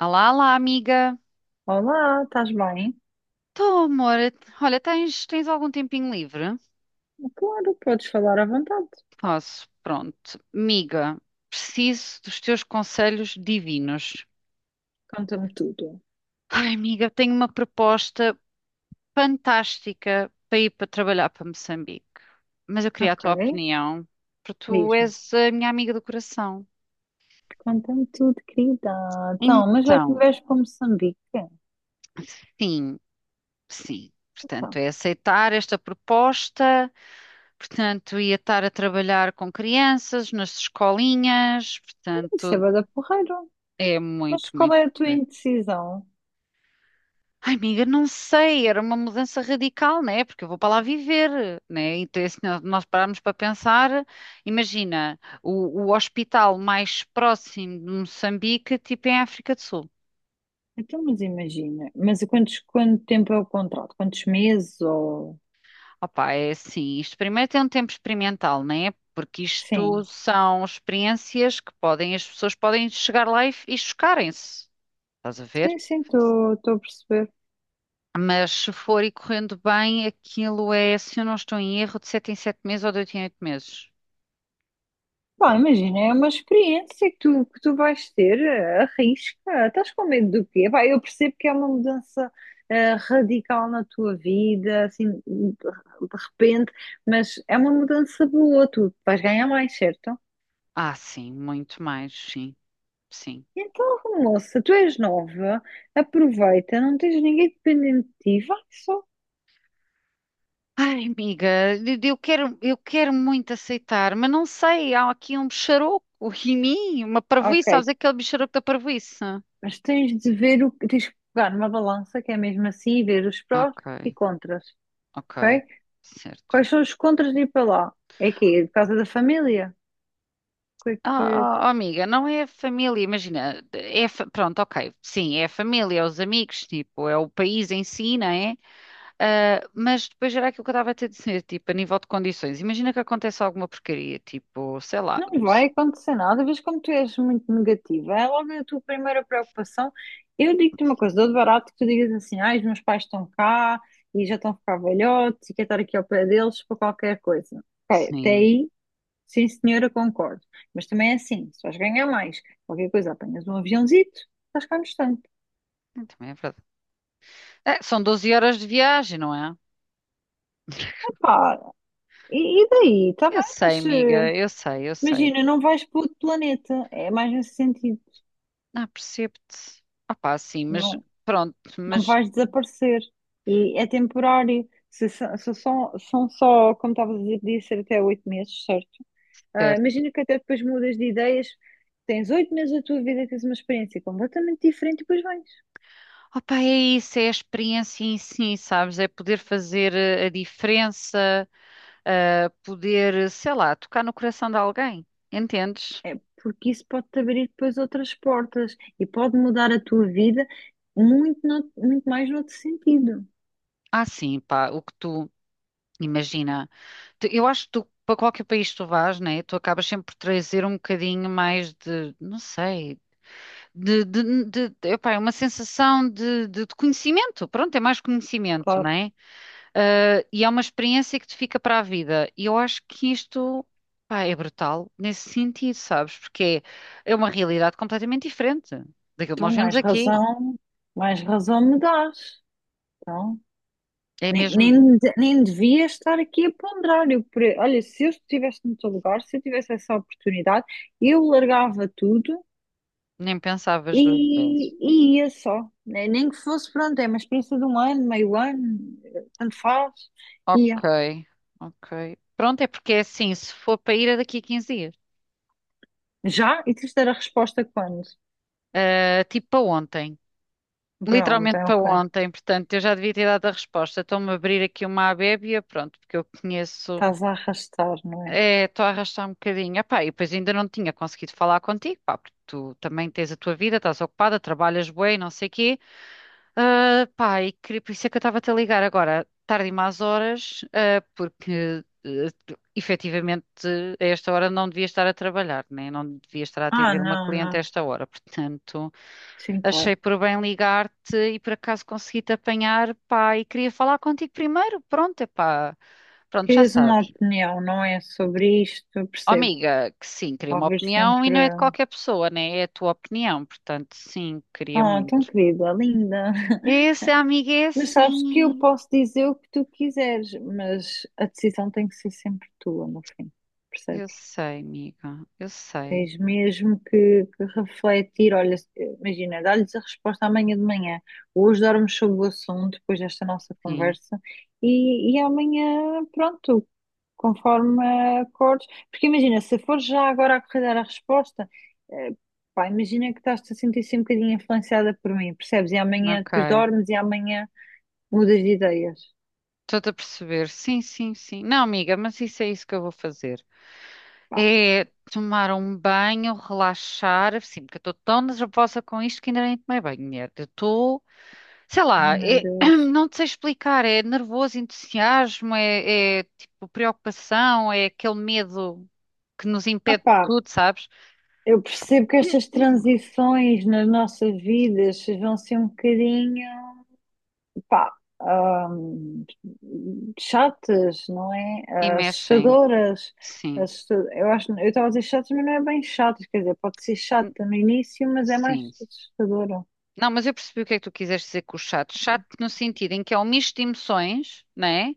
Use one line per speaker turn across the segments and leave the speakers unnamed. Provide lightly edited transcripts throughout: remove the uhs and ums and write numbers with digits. Olá, olá, amiga.
Olá, estás bem?
Tô, amor. Olha, tens algum tempinho livre?
Claro, podes falar à vontade.
Posso, pronto. Amiga, preciso dos teus conselhos divinos.
Conta-me tudo.
Ai, amiga, tenho uma proposta fantástica para ir para trabalhar para Moçambique. Mas eu queria a
Ok,
tua opinião, porque tu
diz-me.
és a minha amiga do coração.
Conta-me tudo, querida. Então, mas vais,
Então,
vais para Moçambique?
sim, sim. Portanto,
Então,
é aceitar esta proposta. Portanto, ia estar a trabalhar com crianças, nas escolinhas,
isso é
portanto,
bué da porreiro.
é
Mas
muito,
qual
muito
é a tua
porreiro.
indecisão?
Ai, amiga, não sei, era uma mudança radical, né? Porque eu vou para lá viver, né? Então, se nós pararmos para pensar, imagina, o hospital mais próximo de Moçambique, tipo é em África do Sul.
Então, mas imagina. Mas quanto tempo é o contrato? Quantos meses ou...
Opá, é assim, isto primeiro tem um tempo experimental, né? Porque isto
Sim,
são experiências que podem, as pessoas podem chegar lá e chocarem-se. Estás a ver?
sim, sim, estou a perceber.
Mas se for e correndo bem, aquilo é, se eu não estou em erro, de 7 em 7 meses ou de 8 em 8 meses.
Pá,
Pronto.
imagina, é uma experiência que tu vais ter, arrisca, estás com medo do quê? Pá, eu percebo que é uma mudança radical na tua vida, assim, de repente, mas é uma mudança boa, tu vais ganhar mais, certo?
Ah, sim, muito mais, sim, sim.
Então, moça, tu és nova, aproveita, não tens ninguém dependente de ti, vai só.
Ai, amiga, eu quero muito aceitar, mas não sei, há aqui um bicharoco em mim, uma
Ok,
parvoíce, sabes aquele bicharoco da parvoíce?
mas tens de ver tens que pegar numa balança, que é mesmo assim, e ver os prós e
Ok,
contras,
ok,
ok?
certo.
Quais são os contras de ir para lá? É que é por causa da família. Que é
Ah,
que
ah, ah, amiga, não é a família, imagina, é, pronto, ok, sim, é a família, é os amigos, tipo, é o país em si, não é? Ah, mas depois era aquilo que eu estava a te dizer, tipo, a nível de condições. Imagina que acontece alguma porcaria, tipo, sei lá,
Não vai acontecer nada, vês como tu és muito negativa. É logo a tua primeira preocupação. Eu digo-te uma coisa, dou de barato que tu digas assim, ah, os meus pais estão cá e já estão a ficar velhotes e quero estar aqui ao pé deles para qualquer coisa. Ok, até
sim,
aí, sim senhora, concordo. Mas também é assim, se vais ganhar mais, qualquer coisa, apanhas um aviãozito, estás cá no instante.
também é verdade. É, são 12 horas de viagem, não é?
Epá, e daí? Está
Eu
bem,
sei,
mas...
amiga, eu sei, eu sei.
imagina, não vais para outro planeta, é mais nesse sentido,
Ah, percebo-te. Opá, sim, mas
não,
pronto,
não
mas
vais desaparecer e é temporário. Se são, são só, como estavas a dizer, podia ser até 8 meses, certo? Ah,
certo.
imagina que até depois mudas de ideias, tens 8 meses da tua vida, tens uma experiência completamente diferente e depois vais.
Opá, é isso, é a experiência em si, sabes? É poder fazer a diferença, ah, poder, sei lá, tocar no coração de alguém, entendes?
É porque isso pode-te abrir depois outras portas e pode mudar a tua vida muito, muito mais no outro sentido.
Ah, sim, pá, o que tu imagina. Eu acho que tu, para qualquer país que tu vás, né, tu acabas sempre por trazer um bocadinho mais de, não sei, epá, é uma sensação de conhecimento. Pronto, é mais conhecimento,
Claro,
né? Ah, e é uma experiência que te fica para a vida. E eu acho que isto, pá, é brutal nesse sentido, sabes? Porque é uma realidade completamente diferente daquilo que nós
então
vemos aqui.
mais razão me dás. Então.
É mesmo,
Nem devia estar aqui a ponderar. Olha, se eu estivesse no teu lugar, se eu tivesse essa oportunidade, eu largava tudo
nem pensavas duas vezes.
e, e ia só. Nem que fosse, pronto, é uma experiência de um ano, meio ano, tanto faz,
Ok,
ia.
ok. Pronto, é porque é assim, se for para ir é daqui a 15 dias.
Já? E tens de dar a resposta quando?
Ah, tipo para ontem.
Pronto,
Literalmente
é
para
ok.
ontem, portanto, eu já devia ter dado a resposta. Estou-me a abrir aqui uma abébia, pronto, porque eu conheço.
Estás a arrastar, não é?
É, estou a arrastar um bocadinho. Epá, e depois ainda não tinha conseguido falar contigo, pá, porque tu também tens a tua vida, estás ocupada, trabalhas bué, e não sei quê. Ah, pá, e por isso é que eu estava a te ligar agora, tarde e más horas, ah, porque efetivamente a esta hora não devia estar a trabalhar, né? Não devia estar a
Ah,
atender uma
não,
cliente a
não.
esta hora. Portanto,
Sim, claro.
achei por bem ligar-te e por acaso consegui-te apanhar, pá, e queria falar contigo primeiro. Pronto, é pá, pronto, já
Querias uma
sabes.
opinião, não é? Sobre isto,
Oh,
percebo.
amiga, que sim, queria uma
Ouvir
opinião e
sempre.
não é de qualquer pessoa, né? É a tua opinião, portanto, sim, queria
Ah, tão
muito.
querida, linda.
Esse amigo é
Mas sabes que eu
assim.
posso dizer o que tu quiseres, mas a decisão tem que ser sempre tua no fim,
Eu
percebes?
sei, amiga. Eu sei.
Tens mesmo que refletir. Olha, imagina, dá-lhes a resposta amanhã de manhã. Hoje dormes sobre o assunto, depois desta nossa
Sim.
conversa, e amanhã, pronto, conforme acordes. Porque imagina, se for já agora a correr dar a resposta, eh, pá, imagina que estás-te a sentir assim um bocadinho influenciada por mim, percebes? E amanhã depois
Ok.
dormes e amanhã mudas de ideias.
Estou-te a perceber. Sim, sim, sim. Não, amiga, mas isso é isso que eu vou fazer.
Pá,
É tomar um banho, relaxar. Sim, porque eu estou tão nervosa com isto que ainda nem tomei banho, mulher. Eu estou, sei
ai,
lá,
meu Deus.
não te sei explicar. É nervoso, entusiasmo, é tipo preocupação, é aquele medo que nos impede de
Opá,
tudo, sabes?
eu percebo que estas transições nas nossas vidas vão ser um bocadinho, pá, hum, chatas, não é?
E
Ah,
mexem.
assustadoras.
Sim.
Eu acho, eu estava a dizer chatas, mas não é bem chatas, quer dizer, pode ser
Hum,
chata no início, mas é mais
sim.
assustadora.
Não, mas eu percebi o que é que tu quiseste dizer com o chato. Chato no sentido em que é um misto de emoções, né?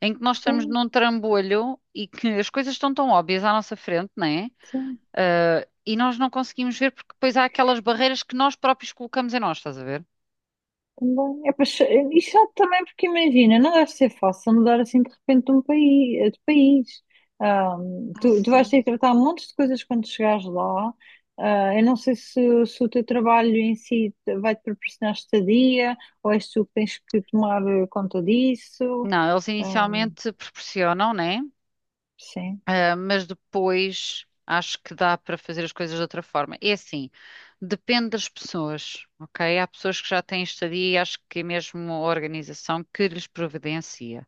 Em que nós estamos
Sim,
num trambolho e que as coisas estão tão óbvias à nossa frente, né?
sim.
Ah, e nós não conseguimos ver porque depois há aquelas barreiras que nós próprios colocamos em nós, estás a ver?
Também. É, pois, é, e chato também porque imagina, não deve ser fácil mudar assim de repente de um país, de país. Ah,
Ah,
tu vais
sim.
ter que tratar um monte de coisas quando chegares lá. Ah, eu não sei se o teu trabalho em si vai-te proporcionar estadia ou és tu que tens que tomar conta disso.
Não, eles
Ah,
inicialmente proporcionam, né?
sim.
Ah, mas depois acho que dá para fazer as coisas de outra forma. É assim, depende das pessoas, ok? Há pessoas que já têm estadia e acho que é mesmo a organização que lhes providencia.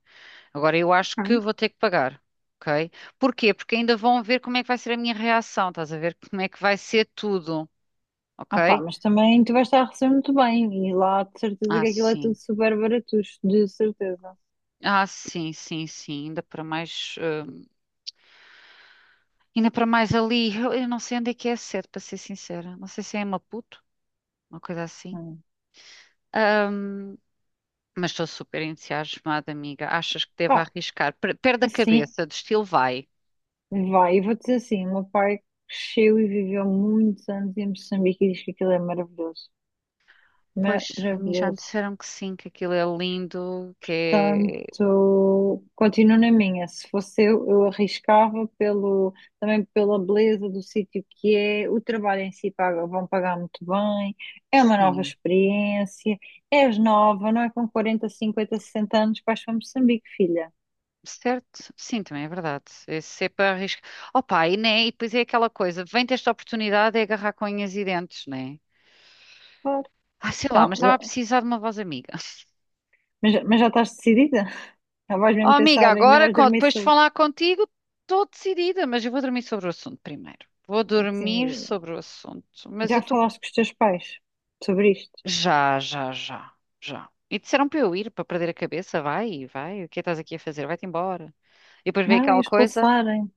Agora, eu acho que
Hum.
vou ter que pagar, ok? Porquê? Porque ainda vão ver como é que vai ser a minha reação, estás a ver como é que vai ser tudo,
Ah, pá,
ok?
mas também tu vais estar a receber muito bem e lá de certeza
Ah,
que aquilo é tudo
sim.
super barato de certeza.
Ah, sim, sim, sim. Ainda para mais, ainda para mais ali. Eu não sei onde é que é a sede, para ser sincera. Não sei se é em Maputo, uma coisa assim.
Hum.
Mas estou super entusiasmada, amiga. Achas que devo
Pá,
arriscar? Perde a
assim,
cabeça, do estilo vai.
vai, eu vou-te dizer assim, o meu pai cresceu e viveu muitos anos em Moçambique e diz que aquilo é maravilhoso.
Pois, a mim já me
Maravilhoso.
disseram que sim, que aquilo é lindo, que é.
Tanto, continuo na minha, se fosse eu arriscava pelo, também pela beleza do sítio que é, o trabalho em si paga, vão pagar muito bem, é uma nova
Sim,
experiência, és nova, não é com 40, 50, 60 anos que vais para Moçambique, filha.
certo? Sim, também é verdade. Esse é para arriscar. Opa, e, né? E depois é aquela coisa: vem ter esta oportunidade é agarrar com unhas e dentes, né?
Claro.
Ah, sei lá,
Então,
mas estava a
já-
precisar de uma voz amiga.
mas, já mas já estás decidida? Já vais
Oh,
mesmo
amiga,
pensar, ainda
agora,
vais dormir
depois de
sobre,
falar contigo, estou decidida, mas eu vou dormir sobre o assunto primeiro. Vou dormir
assim,
sobre o assunto, mas eu
já
estou.
falaste com os teus pais sobre isto?
Já, já, já, já. E disseram para eu ir, para perder a cabeça. Vai, vai, o que é que estás aqui a fazer? Vai-te embora. E depois veio
Não, é
aquela coisa,
expulsarem-te,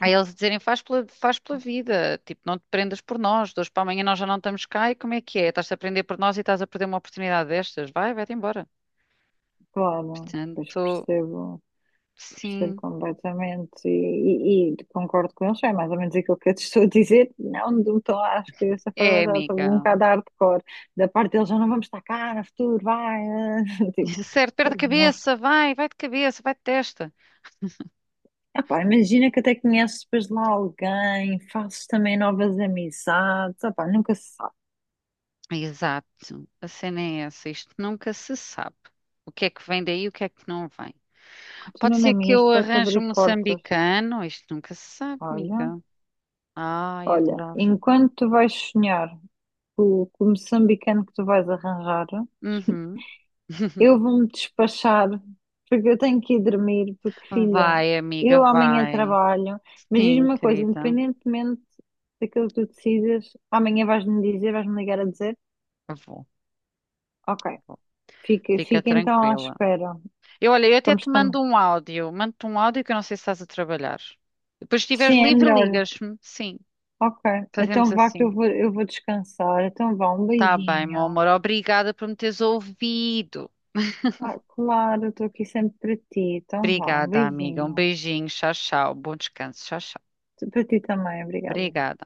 aí eles dizerem, faz pela vida, tipo, não te prendas por nós, de hoje para amanhã nós já não estamos cá, e como é que é? Estás-te a prender por nós e estás a perder uma oportunidade destas? Vai, vai-te embora.
claro. Pois
Portanto,
percebo, percebo
sim,
completamente e concordo com eles. É mais ou menos aquilo que eu te estou a dizer. Não, não estou, acho que essa forma
é,
já estou um
amiga.
bocado hardcore. Da parte deles, já não vamos estar cá no futuro, vai. Eh. Tipo,
Certo, perde a
ok, não é?
cabeça, vai, vai de cabeça, vai de testa.
Epá, imagina que até conheces depois lá alguém, fazes também novas amizades. Epá, nunca se sabe.
Exato, a cena é essa, isto nunca se sabe. O que é que vem daí e o que é que não vem. Pode
Continua na
ser que
minha,
eu
isto vai-te
arranje
abrir
um
portas.
moçambicano. Isto nunca se sabe,
Olha.
amiga. Ai,
Olha,
adorava.
enquanto tu vais sonhar com o moçambicano que tu vais arranjar,
Uhum.
eu vou-me despachar, porque eu tenho que ir dormir, porque, filha,
Vai, amiga,
eu amanhã
vai.
trabalho, mas diz-me
Sim,
uma coisa,
querida.
independentemente daquilo que tu decidas, amanhã vais-me dizer, vais-me ligar a dizer,
Eu Vou,
ok,
vou. Fica
fica então à
tranquila.
espera,
Eu, olha, eu até
vamos
te
comer.
mando um áudio. Mando-te um áudio que eu não sei se estás a trabalhar. Depois, se estiveres
Sim, é
livre,
melhor.
ligas-me. Sim,
Ok,
fazemos
então vá que
assim.
eu vou descansar, então vá, um
Tá bem, meu
beijinho.
amor. Obrigada por me teres ouvido.
Ah, claro, estou aqui sempre para ti, então vá, um
Obrigada, amiga. Um
beijinho.
beijinho. Tchau, tchau. Bom descanso. Tchau, tchau.
Para ti também, obrigada.
Obrigada.